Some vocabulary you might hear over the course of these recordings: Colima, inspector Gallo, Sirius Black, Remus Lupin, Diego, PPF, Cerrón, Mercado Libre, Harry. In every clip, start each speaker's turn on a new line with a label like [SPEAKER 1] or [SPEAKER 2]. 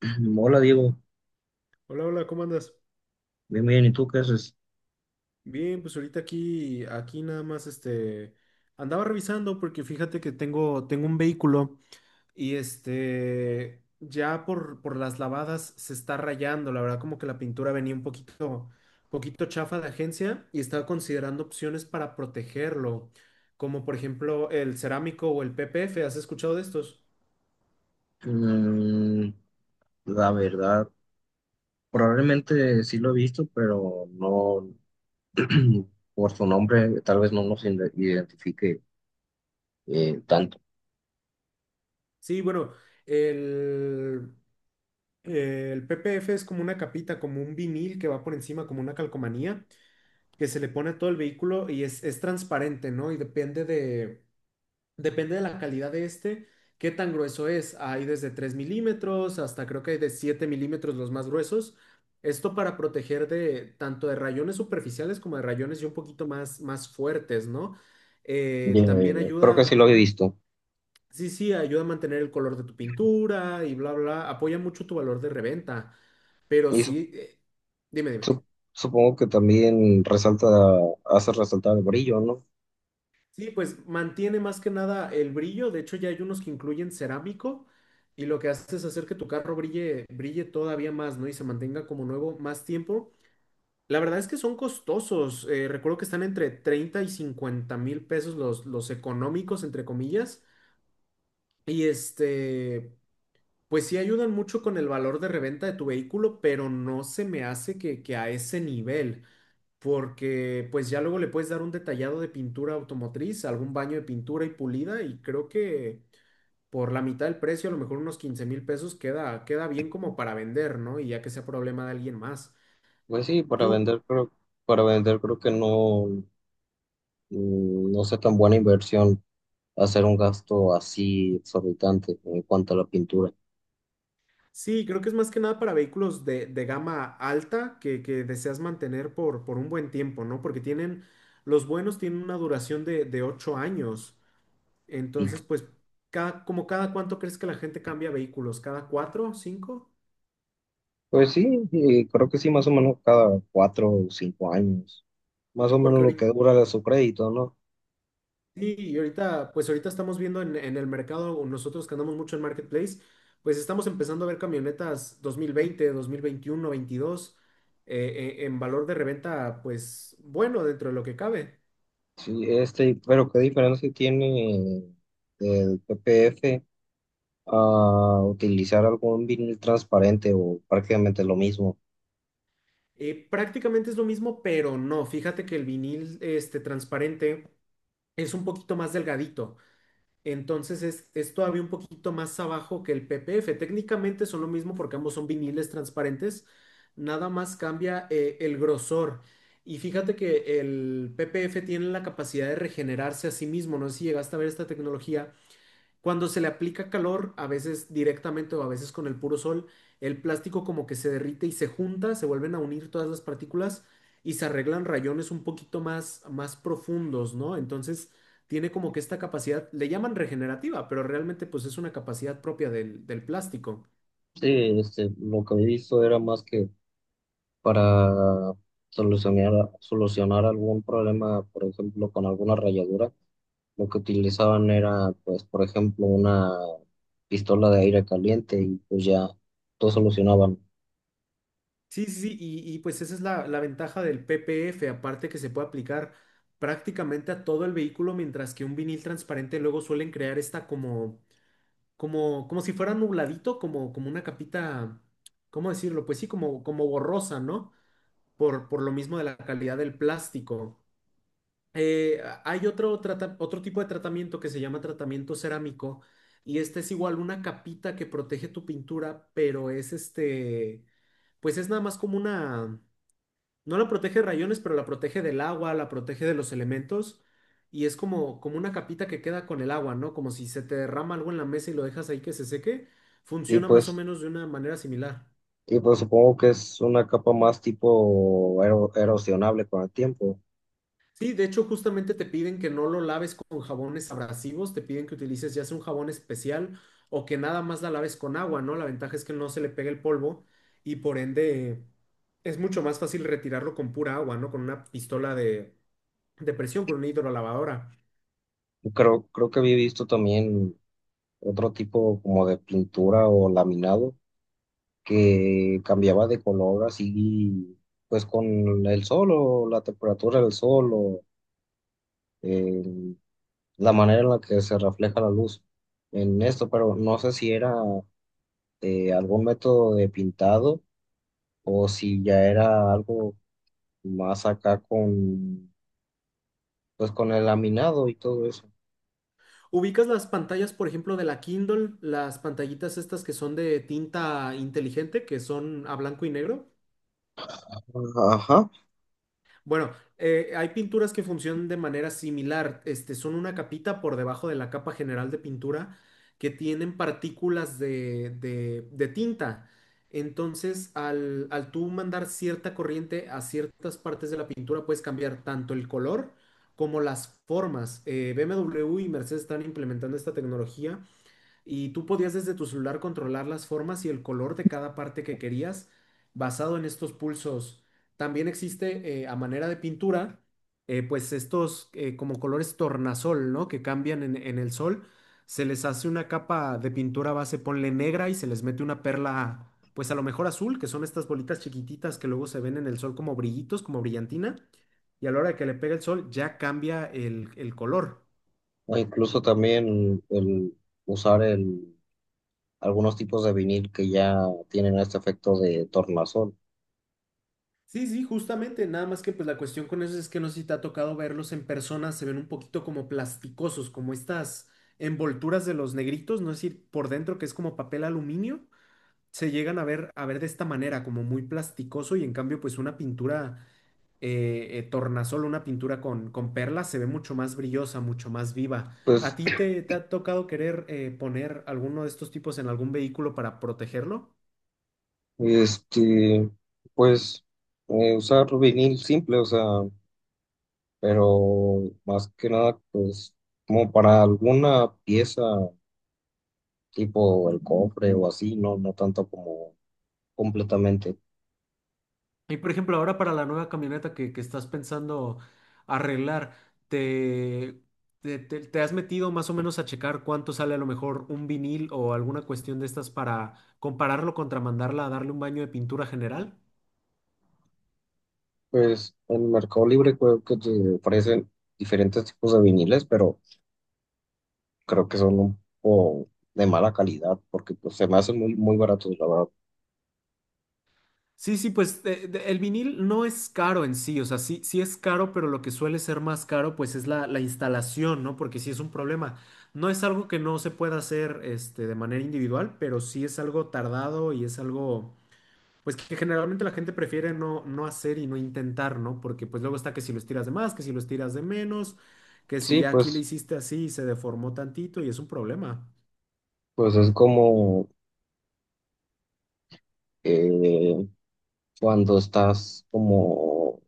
[SPEAKER 1] Hola Diego,
[SPEAKER 2] Hola, hola, ¿cómo andas?
[SPEAKER 1] bien, bien, ¿y tú qué haces?
[SPEAKER 2] Bien, pues ahorita aquí nada más, andaba revisando porque fíjate que tengo un vehículo y ya por las lavadas se está rayando, la verdad como que la pintura venía un poquito chafa de agencia y estaba considerando opciones para protegerlo, como por ejemplo el cerámico o el PPF, ¿has escuchado de estos?
[SPEAKER 1] Mm, la verdad, probablemente sí lo he visto, pero no por su nombre, tal vez no nos identifique tanto.
[SPEAKER 2] Sí, bueno, el, el PPF es como una capita, como un vinil que va por encima, como una calcomanía, que se le pone a todo el vehículo y es transparente, ¿no? Y depende depende de la calidad de qué tan grueso es. Hay desde 3 milímetros hasta creo que hay de 7 milímetros los más gruesos. Esto para proteger de tanto de rayones superficiales como de rayones y un poquito más fuertes, ¿no? También
[SPEAKER 1] Creo que sí
[SPEAKER 2] ayuda.
[SPEAKER 1] lo he visto.
[SPEAKER 2] Sí, sí, ayuda a mantener el color de tu pintura y bla, bla, apoya mucho tu valor de reventa, pero
[SPEAKER 1] Y su-
[SPEAKER 2] sí, dime, dime.
[SPEAKER 1] su- supongo que también resalta, hace resaltar el brillo, ¿no?
[SPEAKER 2] Sí, pues mantiene más que nada el brillo, de hecho ya hay unos que incluyen cerámico y lo que hace es hacer que tu carro brille, brille todavía más, ¿no? Y se mantenga como nuevo más tiempo. La verdad es que son costosos, recuerdo que están entre 30 y 50 mil pesos los económicos, entre comillas, y este... Pues sí ayudan mucho con el valor de reventa de tu vehículo, pero no se me hace que a ese nivel, porque pues ya luego le puedes dar un detallado de pintura automotriz, algún baño de pintura y pulida, y creo que por la mitad del precio, a lo mejor unos 15 mil pesos, queda, queda bien como para vender, ¿no? Y ya que sea problema de alguien más.
[SPEAKER 1] Pues sí,
[SPEAKER 2] Tú,
[SPEAKER 1] para vender creo que no, no sea tan buena inversión hacer un gasto así exorbitante en cuanto a la pintura.
[SPEAKER 2] sí, creo que es más que nada para vehículos de gama alta que deseas mantener por un buen tiempo, ¿no? Porque tienen, los buenos tienen una duración de 8 años. Entonces, pues, cada, como cada cuánto crees que la gente cambia vehículos, cada cuatro, cinco,
[SPEAKER 1] Pues sí, creo que sí, más o menos cada cuatro o cinco años, más o menos
[SPEAKER 2] porque
[SPEAKER 1] lo
[SPEAKER 2] ahorita,
[SPEAKER 1] que dura de su crédito, ¿no?
[SPEAKER 2] sí, y ahorita, pues ahorita estamos viendo en el mercado, o nosotros que andamos mucho en Marketplace, pues estamos empezando a ver camionetas 2020, 2021, 22, en valor de reventa, pues bueno, dentro de lo que cabe.
[SPEAKER 1] Sí, este, pero ¿qué diferencia tiene el PPF a utilizar algún vinil transparente o prácticamente lo mismo?
[SPEAKER 2] Prácticamente es lo mismo, pero no, fíjate que el vinil transparente es un poquito más delgadito. Entonces es todavía un poquito más abajo que el PPF. Técnicamente son lo mismo porque ambos son viniles transparentes. Nada más cambia el grosor. Y fíjate que el PPF tiene la capacidad de regenerarse a sí mismo. No sé si llegaste a ver esta tecnología cuando se le aplica calor, a veces directamente o a veces con el puro sol, el plástico como que se derrite y se junta, se vuelven a unir todas las partículas y se arreglan rayones un poquito más profundos, ¿no? Entonces tiene como que esta capacidad, le llaman regenerativa, pero realmente pues es una capacidad propia del plástico.
[SPEAKER 1] Sí, este, lo que he visto era más que para solucionar, solucionar algún problema, por ejemplo, con alguna rayadura. Lo que utilizaban era, pues, por ejemplo, una pistola de aire caliente y pues ya todo solucionaban.
[SPEAKER 2] Sí, sí, sí, pues esa es la ventaja del PPF, aparte que se puede aplicar prácticamente a todo el vehículo, mientras que un vinil transparente luego suelen crear esta como como, como si fuera nubladito, como, como una capita, ¿cómo decirlo? Pues sí, como, como borrosa, ¿no? Por lo mismo de la calidad del plástico. Hay otro tipo de tratamiento que se llama tratamiento cerámico y este es igual una capita que protege tu pintura, pero es este, pues es nada más como una... No la protege de rayones, pero la protege del agua, la protege de los elementos. Y es como, como una capita que queda con el agua, ¿no? Como si se te derrama algo en la mesa y lo dejas ahí que se seque.
[SPEAKER 1] Y
[SPEAKER 2] Funciona más o
[SPEAKER 1] pues,
[SPEAKER 2] menos de una manera similar.
[SPEAKER 1] y pues supongo que es una capa más tipo erosionable con el tiempo.
[SPEAKER 2] Sí, de hecho, justamente te piden que no lo laves con jabones abrasivos, te piden que utilices ya sea un jabón especial o que nada más la laves con agua, ¿no? La ventaja es que no se le pega el polvo y por ende es mucho más fácil retirarlo con pura agua, ¿no? Con una pistola de presión, con una hidrolavadora.
[SPEAKER 1] Creo, creo que había visto también otro tipo como de pintura o laminado que cambiaba de color así, pues con el sol o la temperatura del sol o eh, la manera en la que se refleja la luz en esto, pero no sé si era algún método de pintado o si ya era algo más acá con, pues con el laminado y todo eso.
[SPEAKER 2] ¿Ubicas las pantallas, por ejemplo, de la Kindle, las pantallitas estas que son de tinta inteligente, que son a blanco y negro?
[SPEAKER 1] Ajá,
[SPEAKER 2] Bueno, hay pinturas que funcionan de manera similar. Este, son una capita por debajo de la capa general de pintura que tienen partículas de tinta. Entonces, al tú mandar cierta corriente a ciertas partes de la pintura, puedes cambiar tanto el color como las formas. BMW y Mercedes están implementando esta tecnología y tú podías desde tu celular controlar las formas y el color de cada parte que querías basado en estos pulsos. También existe a manera de pintura, pues estos como colores tornasol, ¿no? Que cambian en el sol. Se les hace una capa de pintura base, ponle negra y se les mete una perla, pues a lo mejor azul, que son estas bolitas chiquititas que luego se ven en el sol como brillitos, como brillantina. Y a la hora de que le pega el sol ya cambia el color.
[SPEAKER 1] o incluso también el usar el, algunos tipos de vinil que ya tienen este efecto de tornasol.
[SPEAKER 2] Sí, sí, justamente, nada más que pues la cuestión con eso es que no sé si te ha tocado verlos en persona, se ven un poquito como plasticosos, como estas envolturas de los negritos, no es decir, por dentro que es como papel aluminio, se llegan a ver de esta manera, como muy plasticoso y en cambio pues una pintura tornasol, una pintura con perlas se ve mucho más brillosa, mucho más viva. ¿A
[SPEAKER 1] Pues,
[SPEAKER 2] ti te ha tocado querer poner alguno de estos tipos en algún vehículo para protegerlo?
[SPEAKER 1] este, pues usar vinil simple, o sea, pero más que nada, pues como para alguna pieza tipo el cofre o así, no, no tanto como completamente.
[SPEAKER 2] Y por ejemplo, ahora para la nueva camioneta que estás pensando arreglar, ¿te, te has metido más o menos a checar cuánto sale a lo mejor un vinil o alguna cuestión de estas para compararlo contra mandarla a darle un baño de pintura general?
[SPEAKER 1] Pues en Mercado Libre creo que te ofrecen diferentes tipos de viniles, pero creo que son un poco de mala calidad porque pues se me hacen muy, muy baratos, la verdad.
[SPEAKER 2] Sí, sí, pues el vinil no es caro en sí, o sea, sí, sí es caro, pero lo que suele ser más caro pues es la instalación, ¿no? Porque sí es un problema. No es algo que no se pueda hacer este, de manera individual, pero sí es algo tardado y es algo... Pues que generalmente la gente prefiere no hacer y no intentar, ¿no? Porque pues luego está que si los tiras de más, que si los tiras de menos, que si
[SPEAKER 1] Sí,
[SPEAKER 2] ya aquí le
[SPEAKER 1] pues,
[SPEAKER 2] hiciste así y se deformó tantito y es un problema.
[SPEAKER 1] pues es como eh, cuando estás como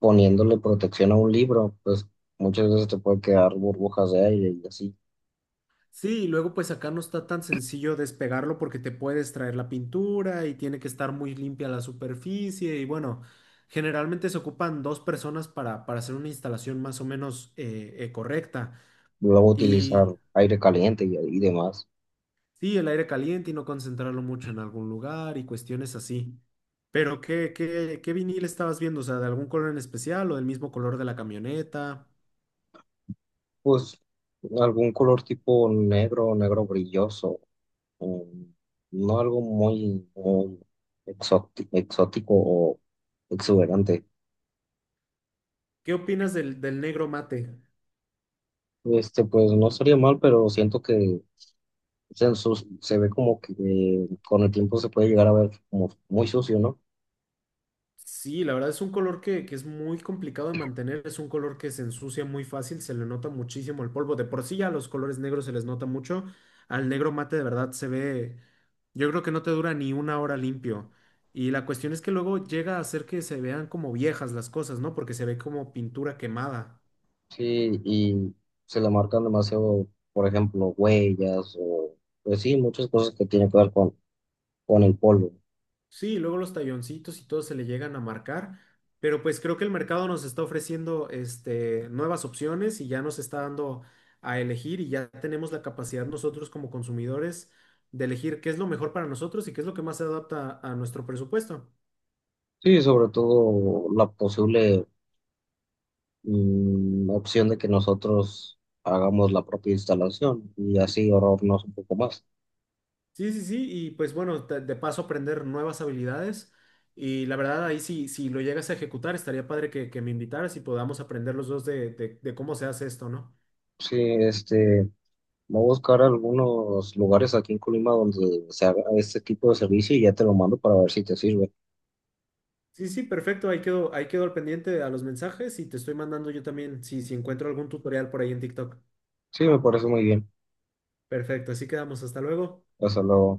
[SPEAKER 1] poniéndole protección a un libro, pues muchas veces te puede quedar burbujas de aire y así.
[SPEAKER 2] Sí, y luego pues acá no está tan sencillo despegarlo porque te puedes traer la pintura y tiene que estar muy limpia la superficie y bueno, generalmente se ocupan dos personas para hacer una instalación más o menos correcta.
[SPEAKER 1] Luego utilizar
[SPEAKER 2] Y
[SPEAKER 1] aire caliente y demás.
[SPEAKER 2] sí, el aire caliente y no concentrarlo mucho en algún lugar y cuestiones así. Pero ¿ qué vinil estabas viendo? O sea, ¿de algún color en especial o del mismo color de la camioneta?
[SPEAKER 1] Pues algún color tipo negro, negro brilloso, um, no algo muy, muy exótico o exuberante.
[SPEAKER 2] ¿Qué opinas del negro mate?
[SPEAKER 1] Este, pues no sería mal, pero siento que se, se ve como que con el tiempo se puede llegar a ver como muy sucio, ¿no?
[SPEAKER 2] Sí, la verdad es un color que es muy complicado de mantener, es un color que se ensucia muy fácil, se le nota muchísimo el polvo. De por sí ya a los colores negros se les nota mucho, al negro mate de verdad se ve, yo creo que no te dura ni una hora limpio. Y la cuestión es que luego llega a hacer que se vean como viejas las cosas, ¿no? Porque se ve como pintura quemada.
[SPEAKER 1] Sí, y se le marcan demasiado, por ejemplo, huellas o, pues sí, muchas cosas que tienen que ver con el polvo.
[SPEAKER 2] Sí, luego los talloncitos y todo se le llegan a marcar, pero pues creo que el mercado nos está ofreciendo este, nuevas opciones y ya nos está dando a elegir y ya tenemos la capacidad nosotros como consumidores de elegir qué es lo mejor para nosotros y qué es lo que más se adapta a nuestro presupuesto.
[SPEAKER 1] Sí, sobre todo la posible opción de que nosotros hagamos la propia instalación y así ahorrarnos un poco más.
[SPEAKER 2] Sí, sí, sí, y pues bueno, te- de paso aprender nuevas habilidades y la verdad ahí sí, si lo llegas a ejecutar, estaría padre que me invitaras y podamos aprender los dos de de cómo se hace esto, ¿no?
[SPEAKER 1] Sí, este, voy a buscar algunos lugares aquí en Colima donde se haga este tipo de servicio y ya te lo mando para ver si te sirve.
[SPEAKER 2] Sí, sí, perfecto. Ahí quedo al pendiente a los mensajes y te estoy mandando yo también si, si encuentro algún tutorial por ahí en TikTok.
[SPEAKER 1] Sí, me parece muy bien.
[SPEAKER 2] Perfecto, así quedamos. Hasta luego.
[SPEAKER 1] Hasta luego.